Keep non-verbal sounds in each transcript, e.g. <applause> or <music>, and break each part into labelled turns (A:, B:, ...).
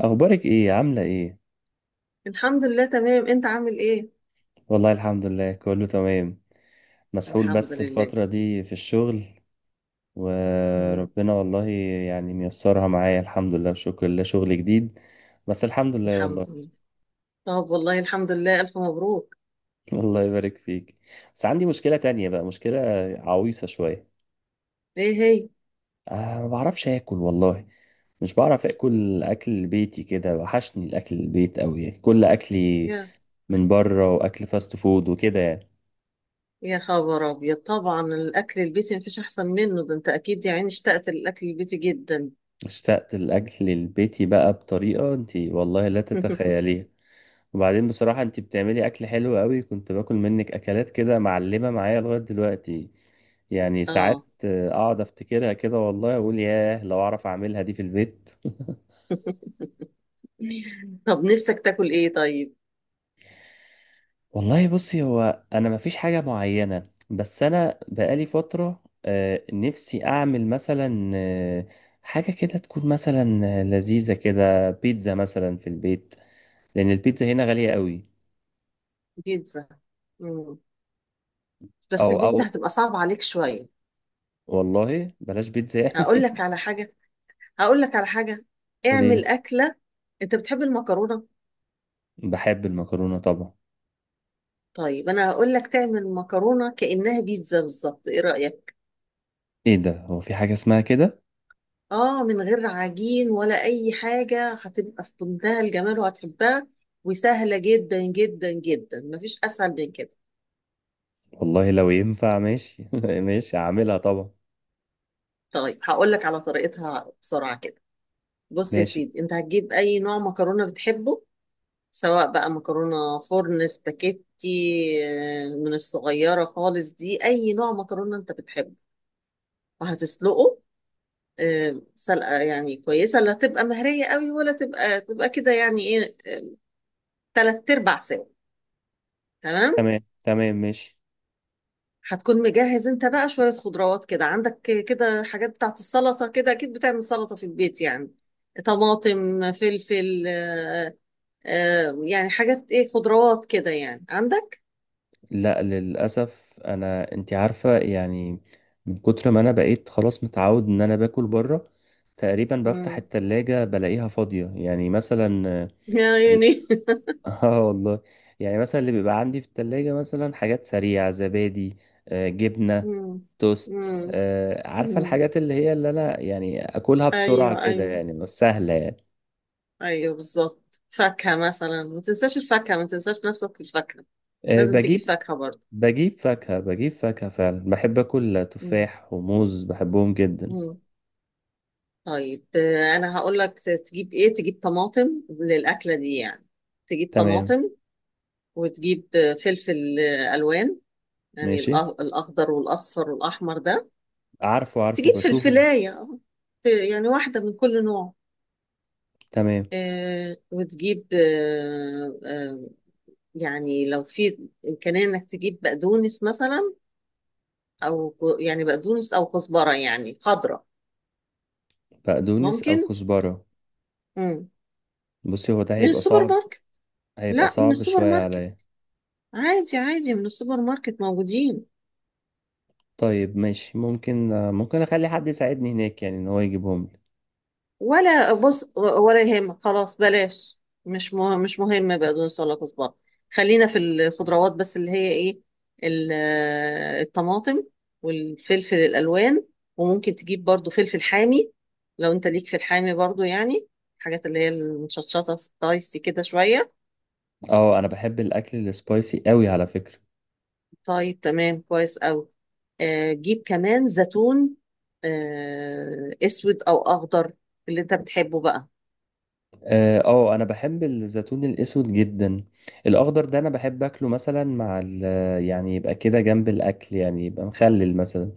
A: اخبارك ايه؟ عامله ايه؟
B: الحمد لله تمام. انت عامل ايه؟
A: والله الحمد لله كله تمام. مسحول
B: الحمد
A: بس
B: لله.
A: الفتره دي في الشغل،
B: مم.
A: وربنا والله يعني ميسرها معايا الحمد لله وشكر لله شغل جديد، بس الحمد لله والله.
B: الحمد لله. طب والله الحمد لله، الف مبروك.
A: <laughs> الله يبارك فيك. بس عندي مشكله تانية بقى، مشكله عويصه شويه.
B: ايه هي؟
A: أه، ما بعرفش اكل والله، مش بعرف اكل اكل بيتي كده، وحشني الاكل البيت قوي، كل اكلي
B: يا
A: من بره، واكل فاست فود وكده يعني.
B: يا خبر ابيض، طبعا الاكل البيتي مفيش احسن منه، ده انت اكيد يا عيني اشتقت للاكل البيتي جدا.
A: اشتقت الأكل البيتي بقى بطريقة انتي والله لا
B: <laughs>
A: تتخيليها. وبعدين بصراحة انتي بتعملي أكل حلو قوي، كنت باكل منك أكلات كده معلمة معايا لغاية دلوقتي. يعني ساعات
B: اه.
A: أقعد أفتكرها كده والله أقول ياه لو أعرف أعملها دي في البيت.
B: <laughs> طب نفسك تاكل ايه طيب؟
A: والله بصي، هو أنا مفيش حاجة معينة، بس أنا بقالي فترة نفسي أعمل مثلا حاجة كده تكون مثلا لذيذة كده، بيتزا مثلا في البيت، لأن البيتزا هنا غالية قوي.
B: بيتزا. مم. بس
A: أو
B: البيتزا هتبقى صعبة عليك شوية.
A: والله بلاش بيتزا
B: هقول
A: يعني.
B: لك على حاجة. هقول لك على حاجة.
A: <laughs>
B: اعمل
A: قليل.
B: أكلة. انت بتحب المكرونة؟
A: بحب المكرونة طبعا.
B: طيب انا هقول لك تعمل مكرونه كانها بيتزا بالظبط، ايه رايك؟
A: ايه ده؟ هو في حاجة اسمها كده؟
B: اه، من غير عجين ولا اي حاجه، هتبقى في منتهى الجمال وهتحبها، وسهله جدا جدا جدا، مفيش اسهل من كده.
A: والله لو ينفع ماشي. <laughs> ماشي هعملها طبعا.
B: طيب هقول لك على طريقتها بسرعه كده. بص يا
A: ماشي.
B: سيدي، انت هتجيب اي نوع مكرونه بتحبه، سواء بقى مكرونه فرن، سباكيتي، من الصغيره خالص، دي اي نوع مكرونه انت بتحبه، وهتسلقه. سلقة يعني كويسة، لا تبقى مهرية قوي ولا تبقى كده يعني ايه، تلات ارباع سوا. تمام.
A: تمام تمام ماشي.
B: هتكون مجهز انت بقى شوية خضروات كده عندك، كده حاجات بتاعت السلطة، كده اكيد بتعمل سلطة في البيت يعني، طماطم فلفل يعني حاجات ايه خضروات كده يعني عندك.
A: لا للأسف انا، انتي عارفة يعني، من كتر ما انا بقيت خلاص متعود ان انا باكل بره، تقريبا بفتح
B: مم.
A: التلاجة بلاقيها فاضية يعني مثلا.
B: يا عيني. <laughs>
A: <laughs> اه والله. يعني مثلا اللي بيبقى عندي في التلاجة مثلا حاجات سريعة، زبادي، جبنة،
B: مم.
A: توست،
B: مم.
A: عارفة
B: مم.
A: الحاجات اللي هي اللي أنا يعني أكلها بسرعة
B: ايوه
A: كده
B: ايوه.
A: يعني، بس سهلة يعني.
B: ايوه بالظبط، فاكهة مثلا، ما تنساش الفاكهة، ما تنساش نفسك في الفاكهة، لازم تجيب
A: بجيب.
B: فاكهة برضه.
A: بجيب فاكهة، بجيب فاكهة فعلا، بحب أكل
B: مم.
A: تفاح وموز، بحبهم جدا.
B: مم. طيب انا هقول لك تجيب ايه، تجيب طماطم للأكلة دي يعني، تجيب
A: تمام.
B: طماطم، وتجيب فلفل ألوان، يعني
A: ماشي.
B: الأخضر والأصفر والأحمر ده،
A: عارفه عارفه،
B: تجيب
A: بشوفه.
B: فلفلاية يعني واحدة من كل نوع.
A: تمام.
B: آه، وتجيب آه، آه، يعني لو في إمكانية إنك تجيب بقدونس مثلا، او يعني بقدونس او كزبره يعني خضراء.
A: بقدونس أو
B: ممكن.
A: كزبرة؟
B: مم.
A: بصي هو ده
B: من
A: هيبقى
B: السوبر
A: صعب،
B: ماركت.
A: هيبقى
B: لا من
A: صعب
B: السوبر
A: شوية
B: ماركت،
A: عليا.
B: عادي عادي، من السوبر ماركت موجودين.
A: طيب ماشي، ممكن ممكن اخلي حد يساعدني هناك يعني، ان هو يجيبهم لي.
B: ولا بص، ولا يهمك، خلاص بلاش، مش مش مهم بقدونس ولا كزبره. خلينا في الخضروات بس اللي هي ايه، ال- الطماطم والفلفل الالوان. وممكن تجيب برضو فلفل حامي، لو انت ليك في الحامي برضو يعني، الحاجات اللي هي المشطشطه سبايسي كده شويه.
A: اه انا بحب الاكل السبايسي قوي على فكرة.
B: طيب تمام، كويس أوي. جيب كمان زيتون، اسود او اخضر، اللي انت بتحبه بقى.
A: اه، انا بحب الزيتون الاسود جدا، الاخضر ده انا بحب اكله مثلا مع ال، يعني يبقى كده جنب الاكل يعني، يبقى مخلل مثلا.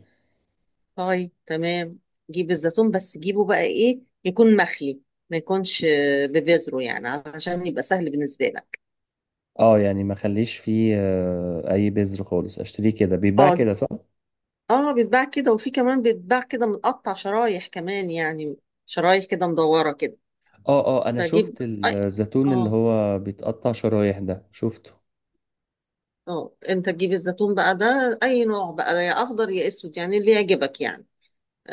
B: طيب تمام. جيب الزيتون، بس جيبه بقى ايه يكون مخلي، ما يكونش ببذره، يعني علشان يبقى سهل بالنسبة لك.
A: اه يعني ما اخليش فيه اي بذر خالص، اشتريه كده، بيتباع
B: اه.
A: كده صح؟
B: اه بيتباع كده، وفي كمان بيتباع كده متقطع شرايح كمان يعني، شرايح كده مدورة كده.
A: اه اه، انا شفت
B: فجيب أي...
A: الزيتون اللي
B: اه.
A: هو بيتقطع شرايح ده، شفته.
B: اه، انت تجيب الزيتون بقى ده اي نوع بقى، يا اخضر يا اسود، يعني اللي يعجبك يعني،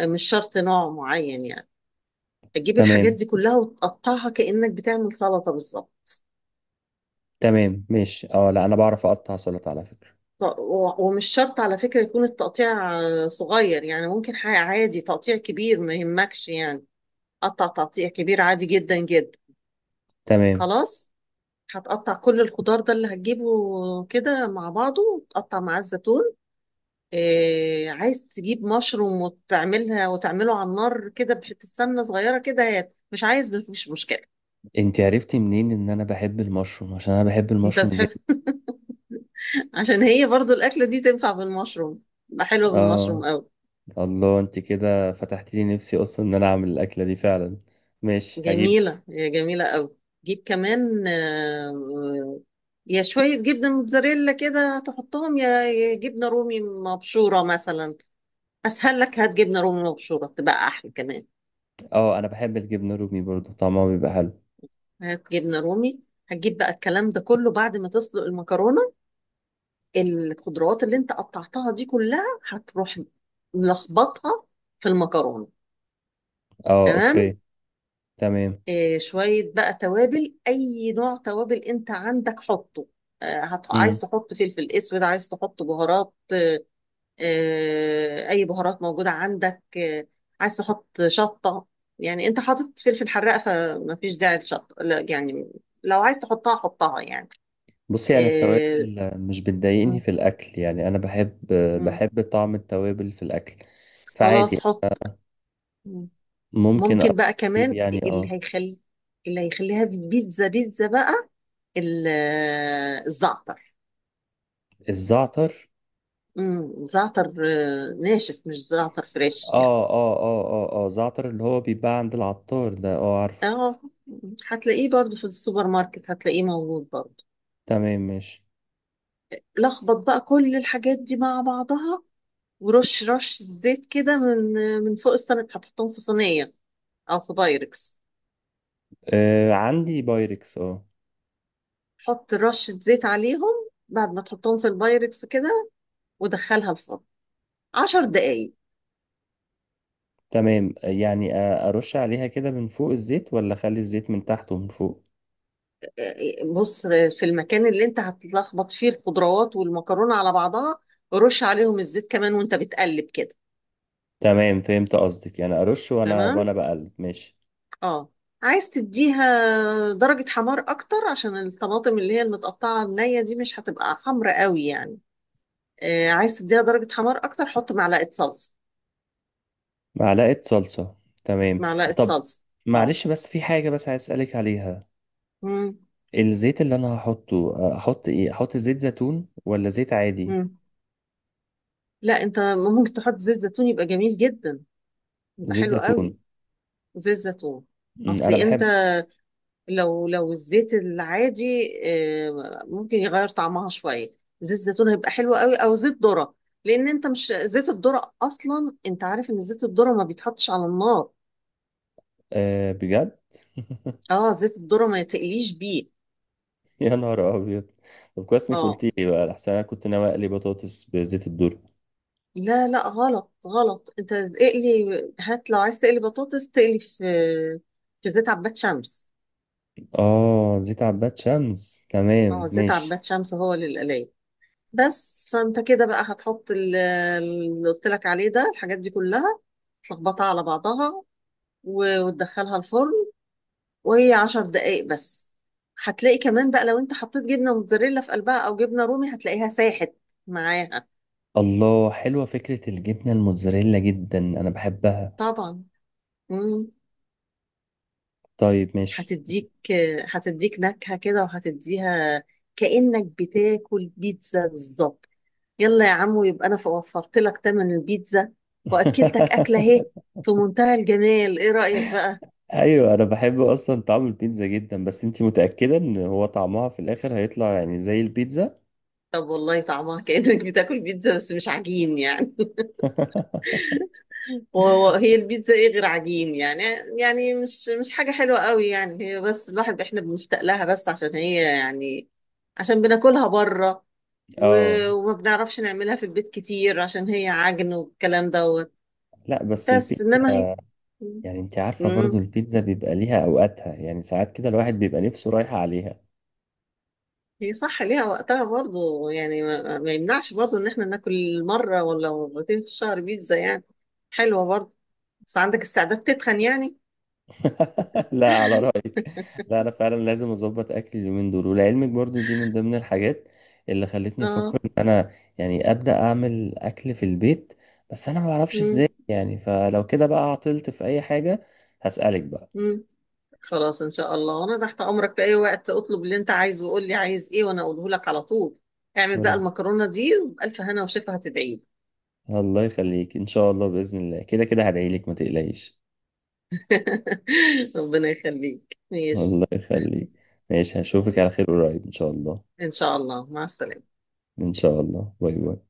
B: مش شرط نوع معين يعني. تجيب الحاجات
A: تمام.
B: دي كلها وتقطعها كأنك بتعمل سلطة بالظبط.
A: تمام ماشي، اه لا انا بعرف اقطع سلطة على فكرة.
B: ومش شرط على فكرة يكون التقطيع صغير يعني، ممكن حاجة عادي تقطيع كبير ما يهمكش يعني، قطع تقطيع كبير عادي جدا جدا.
A: تمام.
B: خلاص، هتقطع كل الخضار ده اللي هتجيبه كده مع بعضه، وتقطع معاه الزيتون. إيه، عايز تجيب مشروم وتعملها، وتعمله على النار كده بحتة سمنة صغيرة كده، هات. مش عايز مفيش مشكلة.
A: انت عرفتي منين ان انا بحب المشروم؟ عشان انا بحب
B: انت
A: المشروم
B: بتحب؟
A: جدا.
B: عشان هي برضو الأكلة دي تنفع بالمشروم، تبقى حلوة بالمشروم
A: اه.
B: أوي.
A: الله، انت كده فتحت لي نفسي اصلا ان انا اعمل الاكله دي فعلا. ماشي هجيب.
B: جميلة، هي جميلة أوي. جيب كمان يا شوية جبنة موتزاريلا كده تحطهم، يا جبنة رومي مبشورة مثلا، أسهل لك. هات جبنة رومي مبشورة تبقى أحلى كمان.
A: اه انا بحب الجبنه الرومي برضو، طعمها بيبقى حلو.
B: هات جبنة رومي. هتجيب بقى الكلام ده كله بعد ما تسلق المكرونة، الخضروات اللي انت قطعتها دي كلها، هتروح ملخبطها في المكرونة.
A: اه
B: تمام.
A: اوكي. تمام.
B: شوية بقى توابل، أي نوع توابل أنت عندك حطه،
A: امم.
B: عايز تحط فلفل أسود، عايز تحط بهارات، أي بهارات موجودة عندك. عايز تحط شطة، يعني أنت حاطط فلفل حراق فما فيش داعي للشطة لا يعني، لو عايز تحطها حطها يعني.
A: بصي يعني
B: آه،
A: التوابل مش بتضايقني
B: م-
A: في الاكل يعني، انا بحب،
B: م.
A: بحب طعم التوابل في الاكل،
B: خلاص
A: فعادي.
B: حط. م.
A: ممكن.
B: ممكن بقى
A: اجيب
B: كمان،
A: يعني
B: اللي
A: اه.
B: هيخلي، اللي هيخليها بيتزا بيتزا بقى الزعتر.
A: الزعتر.
B: مم، زعتر ناشف، مش زعتر فريش يعني.
A: اه اه اه اه اه، زعتر اللي هو بيتباع عند العطار ده، اه عارفه.
B: اه، هتلاقيه برضو في السوبر ماركت، هتلاقيه موجود برضو.
A: تمام ماشي.
B: لخبط بقى كل الحاجات دي مع بعضها، ورش رش زيت كده من من فوق السمك. هتحطهم في صينية او في بايركس،
A: آه عندي بايركس اه.
B: حط رشة زيت عليهم بعد ما تحطهم في البايركس كده، ودخلها الفرن 10 دقايق.
A: تمام يعني ارش عليها كده من فوق الزيت، ولا اخلي الزيت من تحت ومن فوق؟
B: بص، في المكان اللي انت هتلخبط فيه الخضروات والمكرونة على بعضها، رش عليهم الزيت كمان وانت بتقلب كده.
A: تمام فهمت قصدك، يعني ارش وانا،
B: تمام.
A: وانا بقلب، ماشي.
B: اه، عايز تديها درجة حمار اكتر، عشان الطماطم اللي هي المتقطعة النية دي مش هتبقى حمرا قوي يعني. آه، عايز تديها درجة حمار اكتر، حط معلقة صلصة.
A: معلقة صلصة. تمام.
B: معلقة
A: طب
B: صلصة. اه.
A: معلش، بس في حاجة بس عايز اسألك عليها.
B: مم.
A: الزيت اللي انا هحطه احط ايه؟ احط زيت زيتون ولا زيت عادي؟
B: مم. لا، انت ممكن تحط زيت زيتون يبقى جميل جدا، يبقى
A: زيت
B: حلو قوي.
A: زيتون.
B: زيت زيتون.
A: مم، انا
B: اصلي انت،
A: بحب.
B: لو الزيت العادي ممكن يغير طعمها شويه، زيت زيتون هيبقى حلو قوي، او زيت ذره. لان انت مش زيت الذره، اصلا انت عارف ان زيت الذره ما بيتحطش على النار.
A: أه بجد؟ <laughs>
B: اه، زيت الذره ما تقليش بيه.
A: يا نهار ابيض. طب كويس انك
B: اه،
A: قلتي لي بقى، احسن انا كنت ناوي اقلي بطاطس بزيت الذرة.
B: لا لا غلط غلط، انت اقلي، هات، لو عايز تقلي بطاطس تقلي في في زيت عباد شمس.
A: اه زيت عباد شمس،
B: اه
A: تمام
B: زيت
A: ماشي.
B: عباد شمس هو للقلايه. بس فانت كده بقى هتحط اللي قلت لك عليه ده الحاجات دي كلها، تلخبطها على بعضها، وتدخلها الفرن، وهي 10 دقايق بس. هتلاقي كمان بقى لو انت حطيت جبنة موتزاريلا في قلبها او جبنة رومي، هتلاقيها ساحت معاها.
A: الله، حلوة فكرة الجبنة الموتزاريلا جدا، انا بحبها.
B: طبعا. مم.
A: طيب ماشي.
B: هتديك هتديك نكهة كده، وهتديها كأنك بتاكل بيتزا بالظبط. يلا يا عمو، يبقى انا وفرت لك تمن البيتزا، واكلتك اكلة اهي
A: <laughs>
B: في منتهى الجمال، ايه رأيك بقى؟
A: ايوه انا بحب اصلا طعم البيتزا جدا، بس انتي متأكدة ان هو طعمها في الاخر هيطلع يعني زي البيتزا؟
B: طب والله، طعمها كأنك بتاكل بيتزا بس مش عجين يعني.
A: <laughs>
B: وهو هي البيتزا ايه غير عجين يعني، يعني مش حاجة حلوة قوي يعني هي، بس الواحد احنا بنشتاق لها بس عشان هي يعني، عشان بناكلها بره،
A: اه
B: وما بنعرفش نعملها في البيت كتير عشان هي عجن والكلام دوت.
A: لا بس
B: بس انما هي.
A: البيتزا يعني انتي عارفة برضو
B: امم
A: البيتزا بيبقى ليها اوقاتها، يعني ساعات كده الواحد بيبقى نفسه رايحة عليها.
B: هي صح ليها وقتها برضو يعني، ما يمنعش برضو ان احنا ناكل مرة ولا مرتين في الشهر بيتزا يعني، حلوة برضو. بس عندك استعداد تتخن يعني.
A: <laughs> لا على رأيك. لا أنا فعلا لازم أظبط أكلي اليومين دول، ولعلمك برضو دي من ضمن الحاجات اللي خلتني أفكر إن
B: <laughs>
A: أنا يعني أبدأ أعمل أكل في البيت، بس أنا ما بعرفش
B: اه.
A: إزاي يعني، فلو كده بقى عطلت في أي حاجة هسألك بقى.
B: مم. خلاص ان شاء الله، وانا تحت امرك في اي وقت، اطلب اللي انت عايزه وقول لي عايز ايه وانا اقوله لك على طول. اعمل بقى
A: رب-
B: المكرونه دي بالف هنا وشفا هتدعي لي.
A: الله يخليك، إن شاء الله بإذن الله، كده كده هدعيلك ما تقلقيش.
B: <laughs> ربنا يخليك ماشي.
A: الله يخليك. ماشي هشوفك على
B: طيب.
A: خير قريب إن شاء الله.
B: ان شاء الله، مع السلامه.
A: إن شاء الله، باي باي.